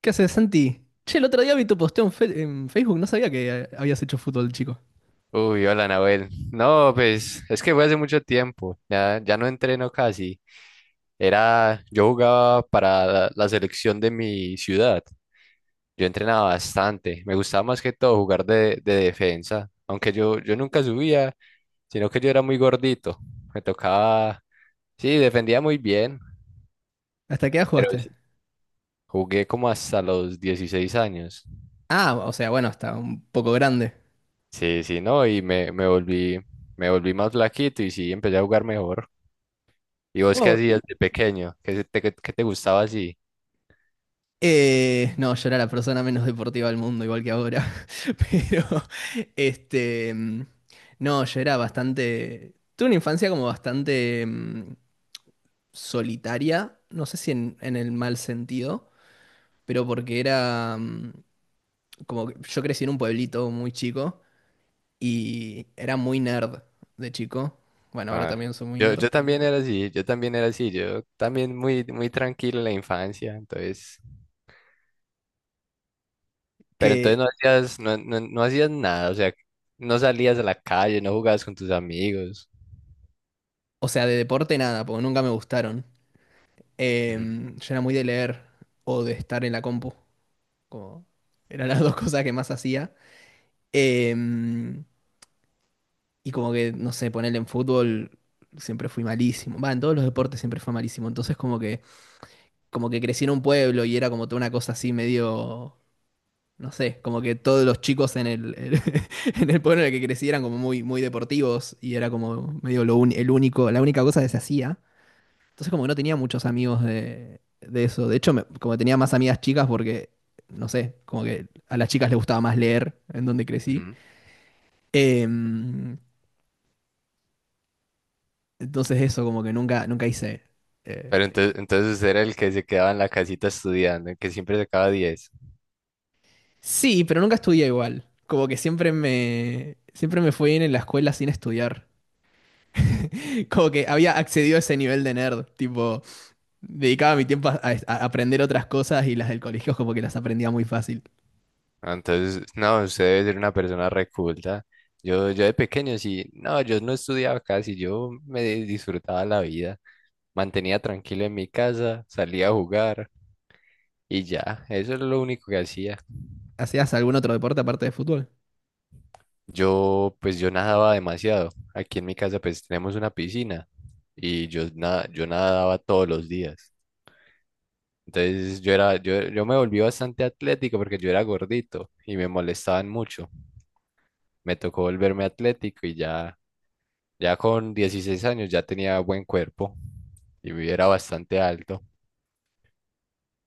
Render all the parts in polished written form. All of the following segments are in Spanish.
¿Qué haces, Santi? Che, el otro día vi tu posteo en en Facebook, no sabía que habías hecho fútbol, chico. Uy, hola, Nahuel. No, pues es que fue hace mucho tiempo. Ya no entreno casi. Yo jugaba para la selección de mi ciudad. Yo entrenaba bastante. Me gustaba más que todo jugar de defensa. Aunque yo nunca subía, sino que yo era muy gordito. Me tocaba, sí, defendía muy bien. ¿Hasta qué edad Pero jugaste? sí, jugué como hasta los 16 años. Ah, o sea, bueno, hasta un poco grande. Sí, sí, no, y me volví más flaquito y sí, empecé a jugar mejor. ¿Y vos qué Oh, y- hacías de pequeño? ¿Qué te gustaba así? No, yo era la persona menos deportiva del mundo, igual que ahora. Pero, este, mm, no, yo era bastante, tuve una infancia como bastante, solitaria, no sé si en el mal sentido, pero porque era, como que yo crecí en un pueblito muy chico y era muy nerd de chico. Bueno, ahora Ah, también soy muy yo, nerd. yo también era así, yo también era así, yo también muy, muy tranquilo en la infancia, entonces, pero entonces Que, no hacías nada, o sea, no salías a la calle, no jugabas con tus amigos. o sea, de deporte nada, porque nunca me gustaron. Ujú, Yo era muy de leer o de estar en la compu. Como eran las dos cosas que más hacía. Em, y como que, no sé, ponerle en fútbol siempre fui malísimo. Va, en todos los deportes siempre fue malísimo. Entonces como que crecí en un pueblo y era como toda una cosa así medio, no sé, como que todos los chicos en en el pueblo en el que crecí eran como muy, muy deportivos y era como medio el único, la única cosa que se hacía. Entonces como que no tenía muchos amigos de eso. De hecho, como que tenía más amigas chicas porque, no sé, como que a las chicas les gustaba más leer en donde crecí. ujú. Em, entonces eso, como que nunca, nunca hice. eh, Pero entonces usted era el que se quedaba en la casita estudiando, el que siempre sacaba 10. sí, pero nunca estudié igual. Como que siempre me fue bien en la escuela sin estudiar. Como que había accedido a ese nivel de nerd, tipo... Dedicaba mi tiempo a, a aprender otras cosas y las del colegio como que las aprendía muy fácil. Ah, entonces, no, usted debe ser una persona reculta. Yo de pequeño sí, no, yo no estudiaba casi, yo disfrutaba la vida, mantenía tranquilo en mi casa, salía a jugar y ya, eso es lo único que hacía. ¿Hacías algún otro deporte aparte de fútbol? Yo, pues yo nadaba demasiado. Aquí en mi casa pues tenemos una piscina y yo nadaba todos los días. Entonces yo me volví bastante atlético porque yo era gordito y me molestaban mucho. Me tocó volverme atlético y ya. Ya con 16 años ya tenía buen cuerpo y era bastante alto.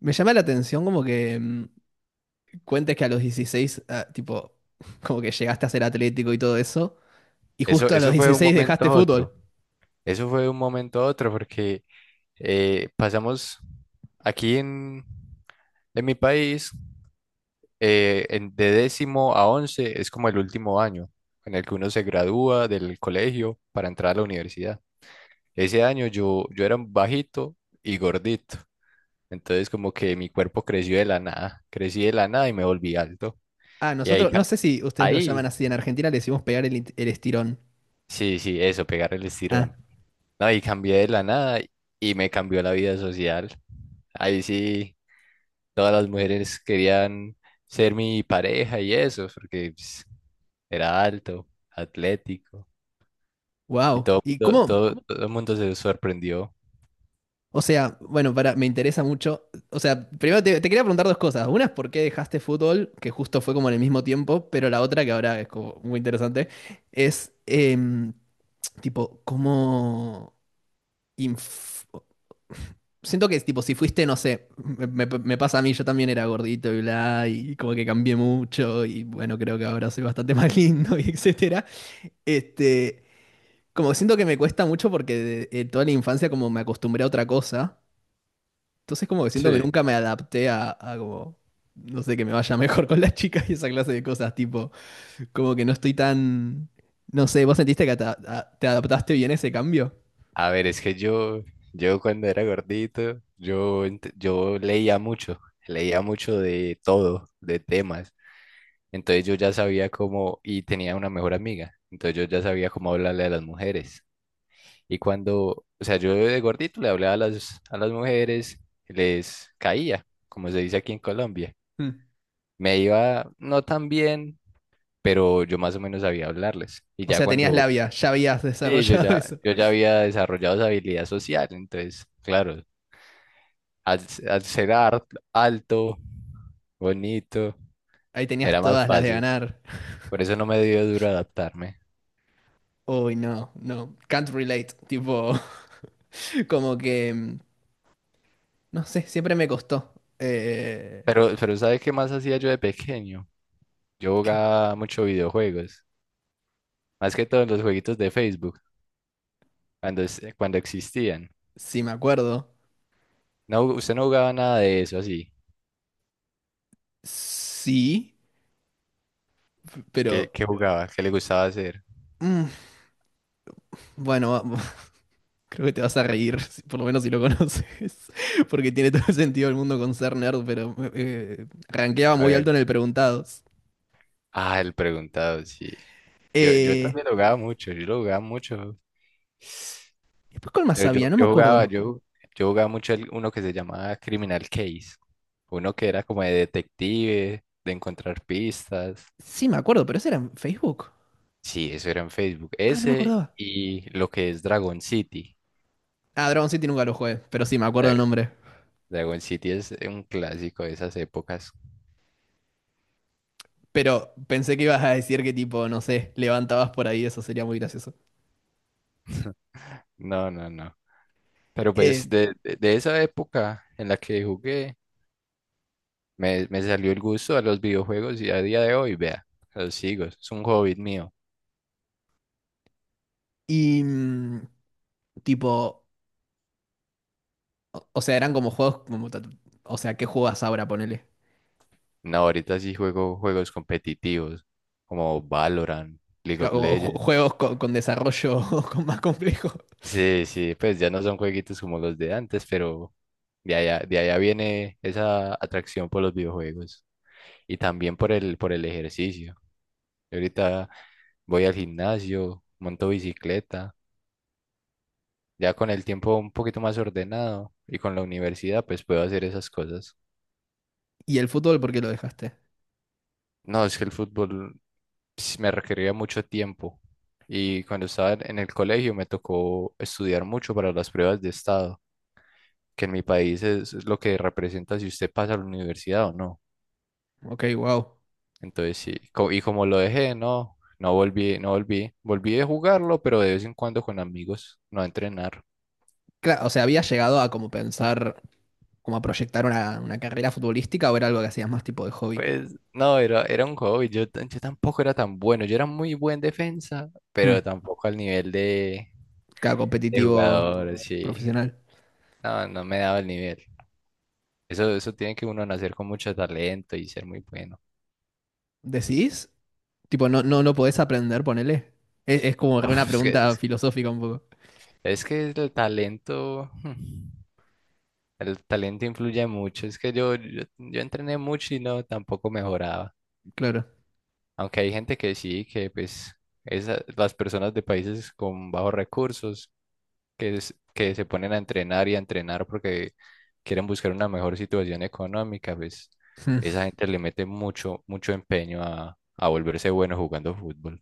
Me llama la atención como que, cuentes que a los 16, ah, tipo, como que llegaste a ser atlético y todo eso, y Eso, justo a los eso fue de un, claro, 16 momento dejaste a otro. fútbol. Eso fue de un momento a otro porque pasamos aquí en mi país, de décimo a once es como el último año en el que uno se gradúa del colegio para entrar a la universidad. Ese año yo era bajito y gordito. Entonces como que mi cuerpo creció de la nada. Crecí de la nada y me volví alto. Ah, Y ahínosotros, no sé si ustedes lo llaman ahí, así, en Argentina le decimos pegar el estirón. sí, sí, eso, pegar el Ah, estirón. No, y cambié de la nada y me cambió la vida social. Ahí sí, todas las mujeres querían ser mi pareja y eso, porque pues, era alto, atlético, y wow. todo, ¿Y todo, cómo... todo, todo el mundo se sorprendió. O sea, bueno, para, me interesa mucho. O sea, primero te, te quería preguntar dos cosas. Una es por qué dejaste fútbol, que justo fue como en el mismo tiempo, pero la otra, que ahora es como muy interesante, es tipo, cómo... inf- Siento que es tipo, si fuiste, no sé, me, me pasa a mí, yo también era gordito y bla, y como que cambié mucho, y bueno, creo que ahora soy bastante más lindo, y etcétera. Este, Como siento que me cuesta mucho porque de toda la infancia como me acostumbré a otra cosa. Entonces como que siento que Sí. nunca me adapté a como, no sé, que me vaya mejor con las chicas y esa clase de cosas, tipo, como que no estoy tan, no sé, ¿vos sentiste que te, te adaptaste bien a ese cambio? A ver, es que yo cuando era gordito, yo leía mucho de todo, de temas. Entonces yo ya sabía cómo, y tenía una mejor amiga, entonces yo ya sabía cómo hablarle a las mujeres. Y cuando, o sea, yo de gordito le hablaba a las mujeres, les caía, como se dice aquí en Colombia. Mm. Me iba no tan bien, pero yo más o menos sabía hablarles. Y O ya sea, tenías cuando, labia, ya habías sí, yo desarrollado ya, eso. yo ya había desarrollado esa habilidad social, entonces, claro, al ser alto, bonito, Ahí tenías era más todas las de fácil. ganar. Por eso no me dio duro adaptarme. Uy, no, no, can't relate, tipo, como que, no sé, siempre me costó. Eh, Pero, ¿sabe qué más hacía yo de pequeño? Yo que, jugaba mucho videojuegos, más que todo en los jueguitos de Facebook, cuando existían. sí, me acuerdo, No, usted no jugaba nada de eso así. sí, ¿Qué, pero, qué jugaba? ¿Qué le gustaba hacer? mm, bueno. Creo que te vas a reír, por lo menos si lo conoces, porque tiene todo el sentido del mundo con ser nerd, pero rankeaba A muy ver. alto en el Preguntados. Ah, el preguntado, sí. Yo Eh, también lo jugaba mucho, yo lo jugaba mucho. Después, ¿cuál más Pero yo, había? No me yo jugaba, acuerdo. yo, yo jugaba mucho uno que se llamaba Criminal Case. Uno que era como de detective, de encontrar pistas. Sí, me acuerdo, pero ese era en Facebook. Sí, eso era en Facebook. Ah, no me Ese acordaba. y lo que es Dragon City. Ah, Dragon City nunca lo jugué, pero sí, me acuerdo el Dra- nombre. Dragon City es un clásico de esas épocas. Pero pensé que ibas a decir que tipo, no sé, levantabas por ahí, eso sería muy gracioso. No, no, no. Pero pues Eh, de esa época en la que jugué, me salió el gusto a los videojuegos y a día de hoy, vea, los sigo. Es un hobby mío. y mm, tipo, o sea, eran como juegos como... O sea, ¿qué juegas ahora, ponele? No, ahorita sí juego juegos competitivos como Valorant, League of Como Legends. juegos con desarrollo con más complejo. Sí, sí, pues ya no son jueguitos como los de antes, pero de allá viene esa atracción por los videojuegos. Y también por el ejercicio. Yo ahorita voy al gimnasio, monto bicicleta, ya con el tiempo un poquito más ordenado y con la universidad, pues puedo hacer esas cosas. ¿Y el fútbol por qué lo dejaste? No, es que el fútbol me requería mucho tiempo y cuando estaba en el colegio me tocó estudiar mucho para las pruebas de estado, que en mi país es lo que representa si usted pasa a la universidad o no. Ok, wow. Entonces sí, y como lo dejé, no, no volví, no volví, volví de jugarlo, pero de vez en cuando con amigos, no a entrenar. Claro, o sea, ¿habías llegado a como pensar, como a proyectar una carrera futbolística o era algo que hacías más tipo de hobby? Pues no, era un hobby. Yo tampoco era tan bueno. Yo era muy buen defensa, Hmm. pero tampoco al nivel de, Claro, de competitivo jugador, sí. profesional. No, no me daba el nivel. Eso tiene que uno nacer con mucho talento y ser muy bueno. ¿Decís? Tipo, no, no, no podés aprender, ponele. Es como re una Uf, es que, pregunta es, filosófica un poco. es que el talento, el talento influye mucho. Es que yo entrené mucho y no, tampoco mejoraba. Claro. Aunque hay gente que sí, que pues las personas de países con bajos recursos que se ponen a entrenar y a entrenar porque quieren buscar una mejor situación económica, pues Hmm. esa gente le mete mucho, mucho empeño a volverse bueno jugando fútbol.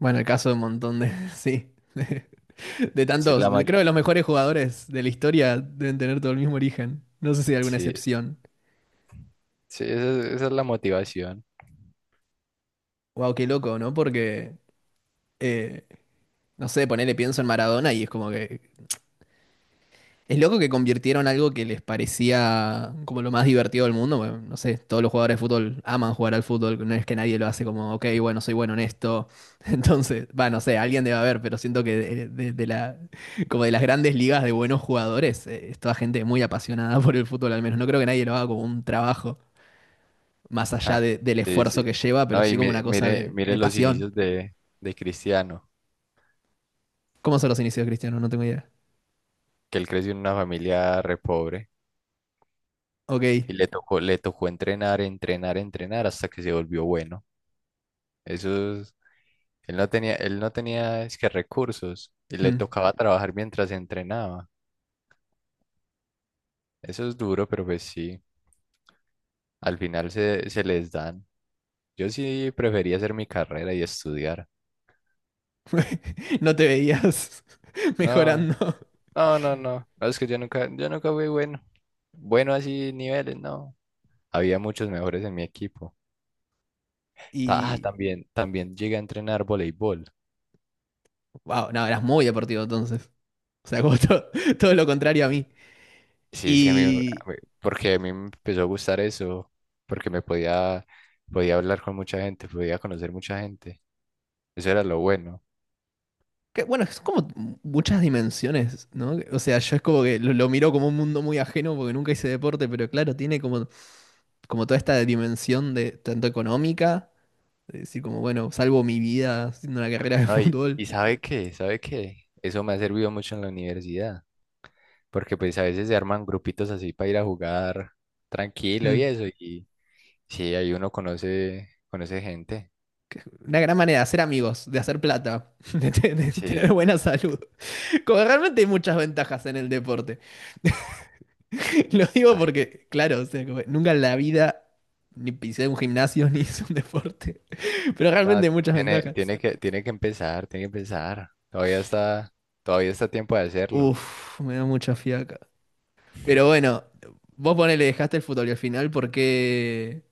Bueno, el caso de un montón de... Sí. De Sí, tantos, creo que los mejores jugadores de la historia deben tener todo el mismo origen. No sé si hay alguna sí, excepción. sí, esa es la motivación. Wow, qué loco, ¿no? Porque, eh, no sé, ponele pienso en Maradona y es como que... Es loco que convirtieron algo que les parecía como lo más divertido del mundo. Bueno, no sé, todos los jugadores de fútbol aman jugar al fútbol. No es que nadie lo hace como, ok, bueno, soy bueno en esto. Entonces, va, no sé, alguien debe haber, pero siento que de, de la, como de las grandes ligas de buenos jugadores, es toda gente muy apasionada por el fútbol al menos. No creo que nadie lo haga como un trabajo, más allá Ja, del sí, esfuerzo que sí. lleva, pero No, y sí como una mire, cosa mire, mire de los pasión. inicios de Cristiano, ¿Cómo son los inicios de Cristiano? No tengo idea. que él creció en una familia re pobre Ok. y le tocó entrenar, entrenar, entrenar hasta que se volvió bueno. Esos, él no tenía es que recursos y le Hmm. tocaba trabajar mientras entrenaba. Eso es duro, pero pues sí, al final se les dan. Yo sí prefería hacer mi carrera y estudiar. No te veías No, mejorando. no, no, no. No, es que yo nunca fui bueno. Bueno así niveles, no. Había muchos mejores en mi equipo. Ah, Y. también llegué a entrenar voleibol. Wow, no, eras muy deportivo entonces. O sea, como todo lo contrario a mí. Sí, es que Y. mí- porque a mí me empezó a gustar eso, porque podía hablar con mucha gente, podía conocer mucha gente. Eso era lo bueno. Que, bueno, es como muchas dimensiones, ¿no? O sea, yo es como que lo miro como un mundo muy ajeno porque nunca hice deporte, pero claro, tiene como, como toda esta dimensión de tanto económica, de decir como, bueno, salvo mi vida haciendo una carrera de No, y, fútbol. y ¿sabe qué? ¿Sabe qué? Eso me ha servido mucho en la universidad, porque pues a veces se arman grupitos así para ir a jugar tranquilo y Hmm. eso, y sí, ahí uno conoce gente. Que- Una gran manera de hacer amigos, de hacer plata, de de tener Sí, buena salud. Como realmente hay muchas ventajas en el deporte. Lo digo ah, porque, claro, o sea, como nunca en la vida ni pisé un gimnasio ni hice un deporte. Pero no, realmente hay muchas ventajas. Tiene que empezar, tiene que empezar. Todavía está a tiempo de hacerlo. Uf, me da mucha fiaca. Pero bueno, vos ponele, dejaste el fútbol y al final,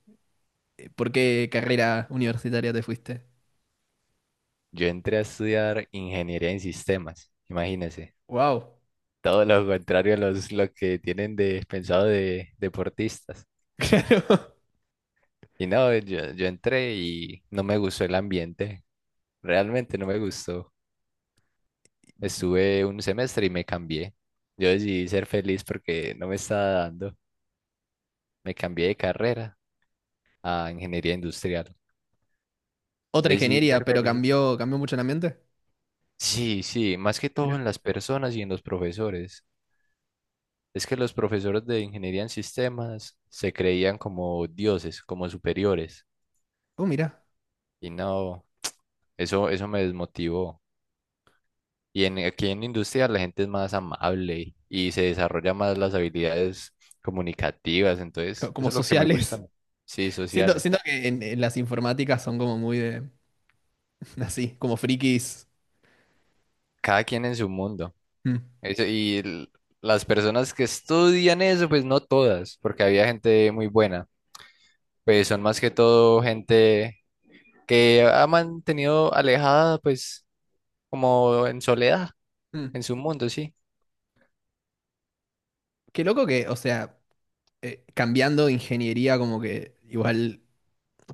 por qué carrera universitaria te fuiste? Yo entré a estudiar ingeniería en sistemas, imagínense. Wow. Todo lo contrario lo que tienen pensado de deportistas. Claro. Y no, yo entré y no me gustó el ambiente. Realmente no me gustó. Estuve un semestre y me cambié. Yo decidí ser feliz porque no me estaba dando. Me cambié de carrera a ingeniería industrial. Otra Decidí ingeniería, ser pero feliz. cambió, cambió mucho el ambiente. Sí, sí, más que todo Mirá. en las personas y en los profesores. Es que los profesores de ingeniería en sistemas se creían como dioses, como superiores. Oh, mirá. Y no, eso me desmotivó. Aquí en industria la gente es más amable y se desarrolla más las habilidades comunicativas. Co- Entonces, Como eso es lo que me gusta. sociales. Sí, Siento, sociales. siento que en las informáticas son como muy de, así, como frikis. Cada quien en su mundo. Mm, Eso, las personas que estudian eso, pues no todas, porque había gente muy buena. Pues son más que todo gente que ha mantenido alejada, pues como en soledad, mm. en su mundo, sí. Qué loco que, o sea, cambiando ingeniería como que igual,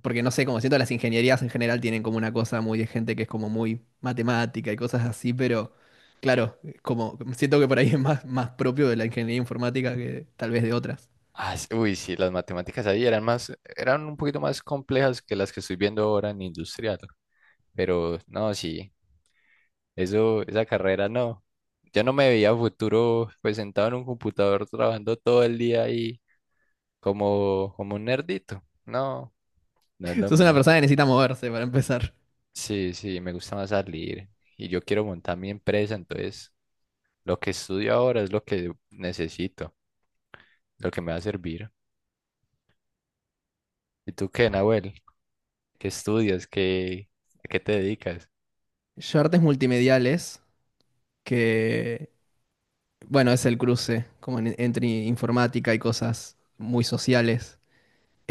porque no sé, como siento las ingenierías en general tienen como una cosa muy de gente que es como muy matemática y cosas así, pero claro, como siento que por ahí es más, más propio de la ingeniería informática que tal vez de otras. Ah, uy, sí, las matemáticas ahí eran un poquito más complejas que las que estoy viendo ahora en industrial, pero no, sí, eso, esa carrera no. Yo no me veía a futuro pues sentado en un computador trabajando todo el día ahí como un nerdito. No, no es lo Sos una mío. persona que necesita moverse para empezar. Sí, sí, me gusta más salir y yo quiero montar mi empresa, entonces lo que estudio ahora es lo que necesito, lo que me va a servir. ¿Y tú qué, Nahuel? ¿Qué estudias? ¿A qué te dedicas? Yo artes multimediales, que bueno, es el cruce como entre informática y cosas muy sociales.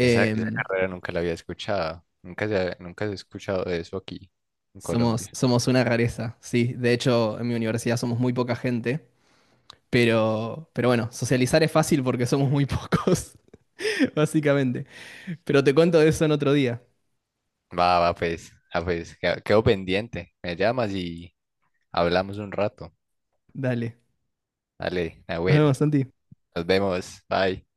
Esa, esa carrera nunca la había escuchado. Nunca se ha escuchado de eso aquí en Somos, Colombia. somos una rareza, sí. De hecho, en mi universidad somos muy poca gente, pero bueno, socializar es fácil porque somos muy pocos, básicamente. Pero te cuento de eso en otro día. Va, va, pues, ah, pues, quedo pendiente. Me llamas y hablamos un rato. Dale. Dale, Nos Nahuel, vemos, Santi. nos vemos. Bye.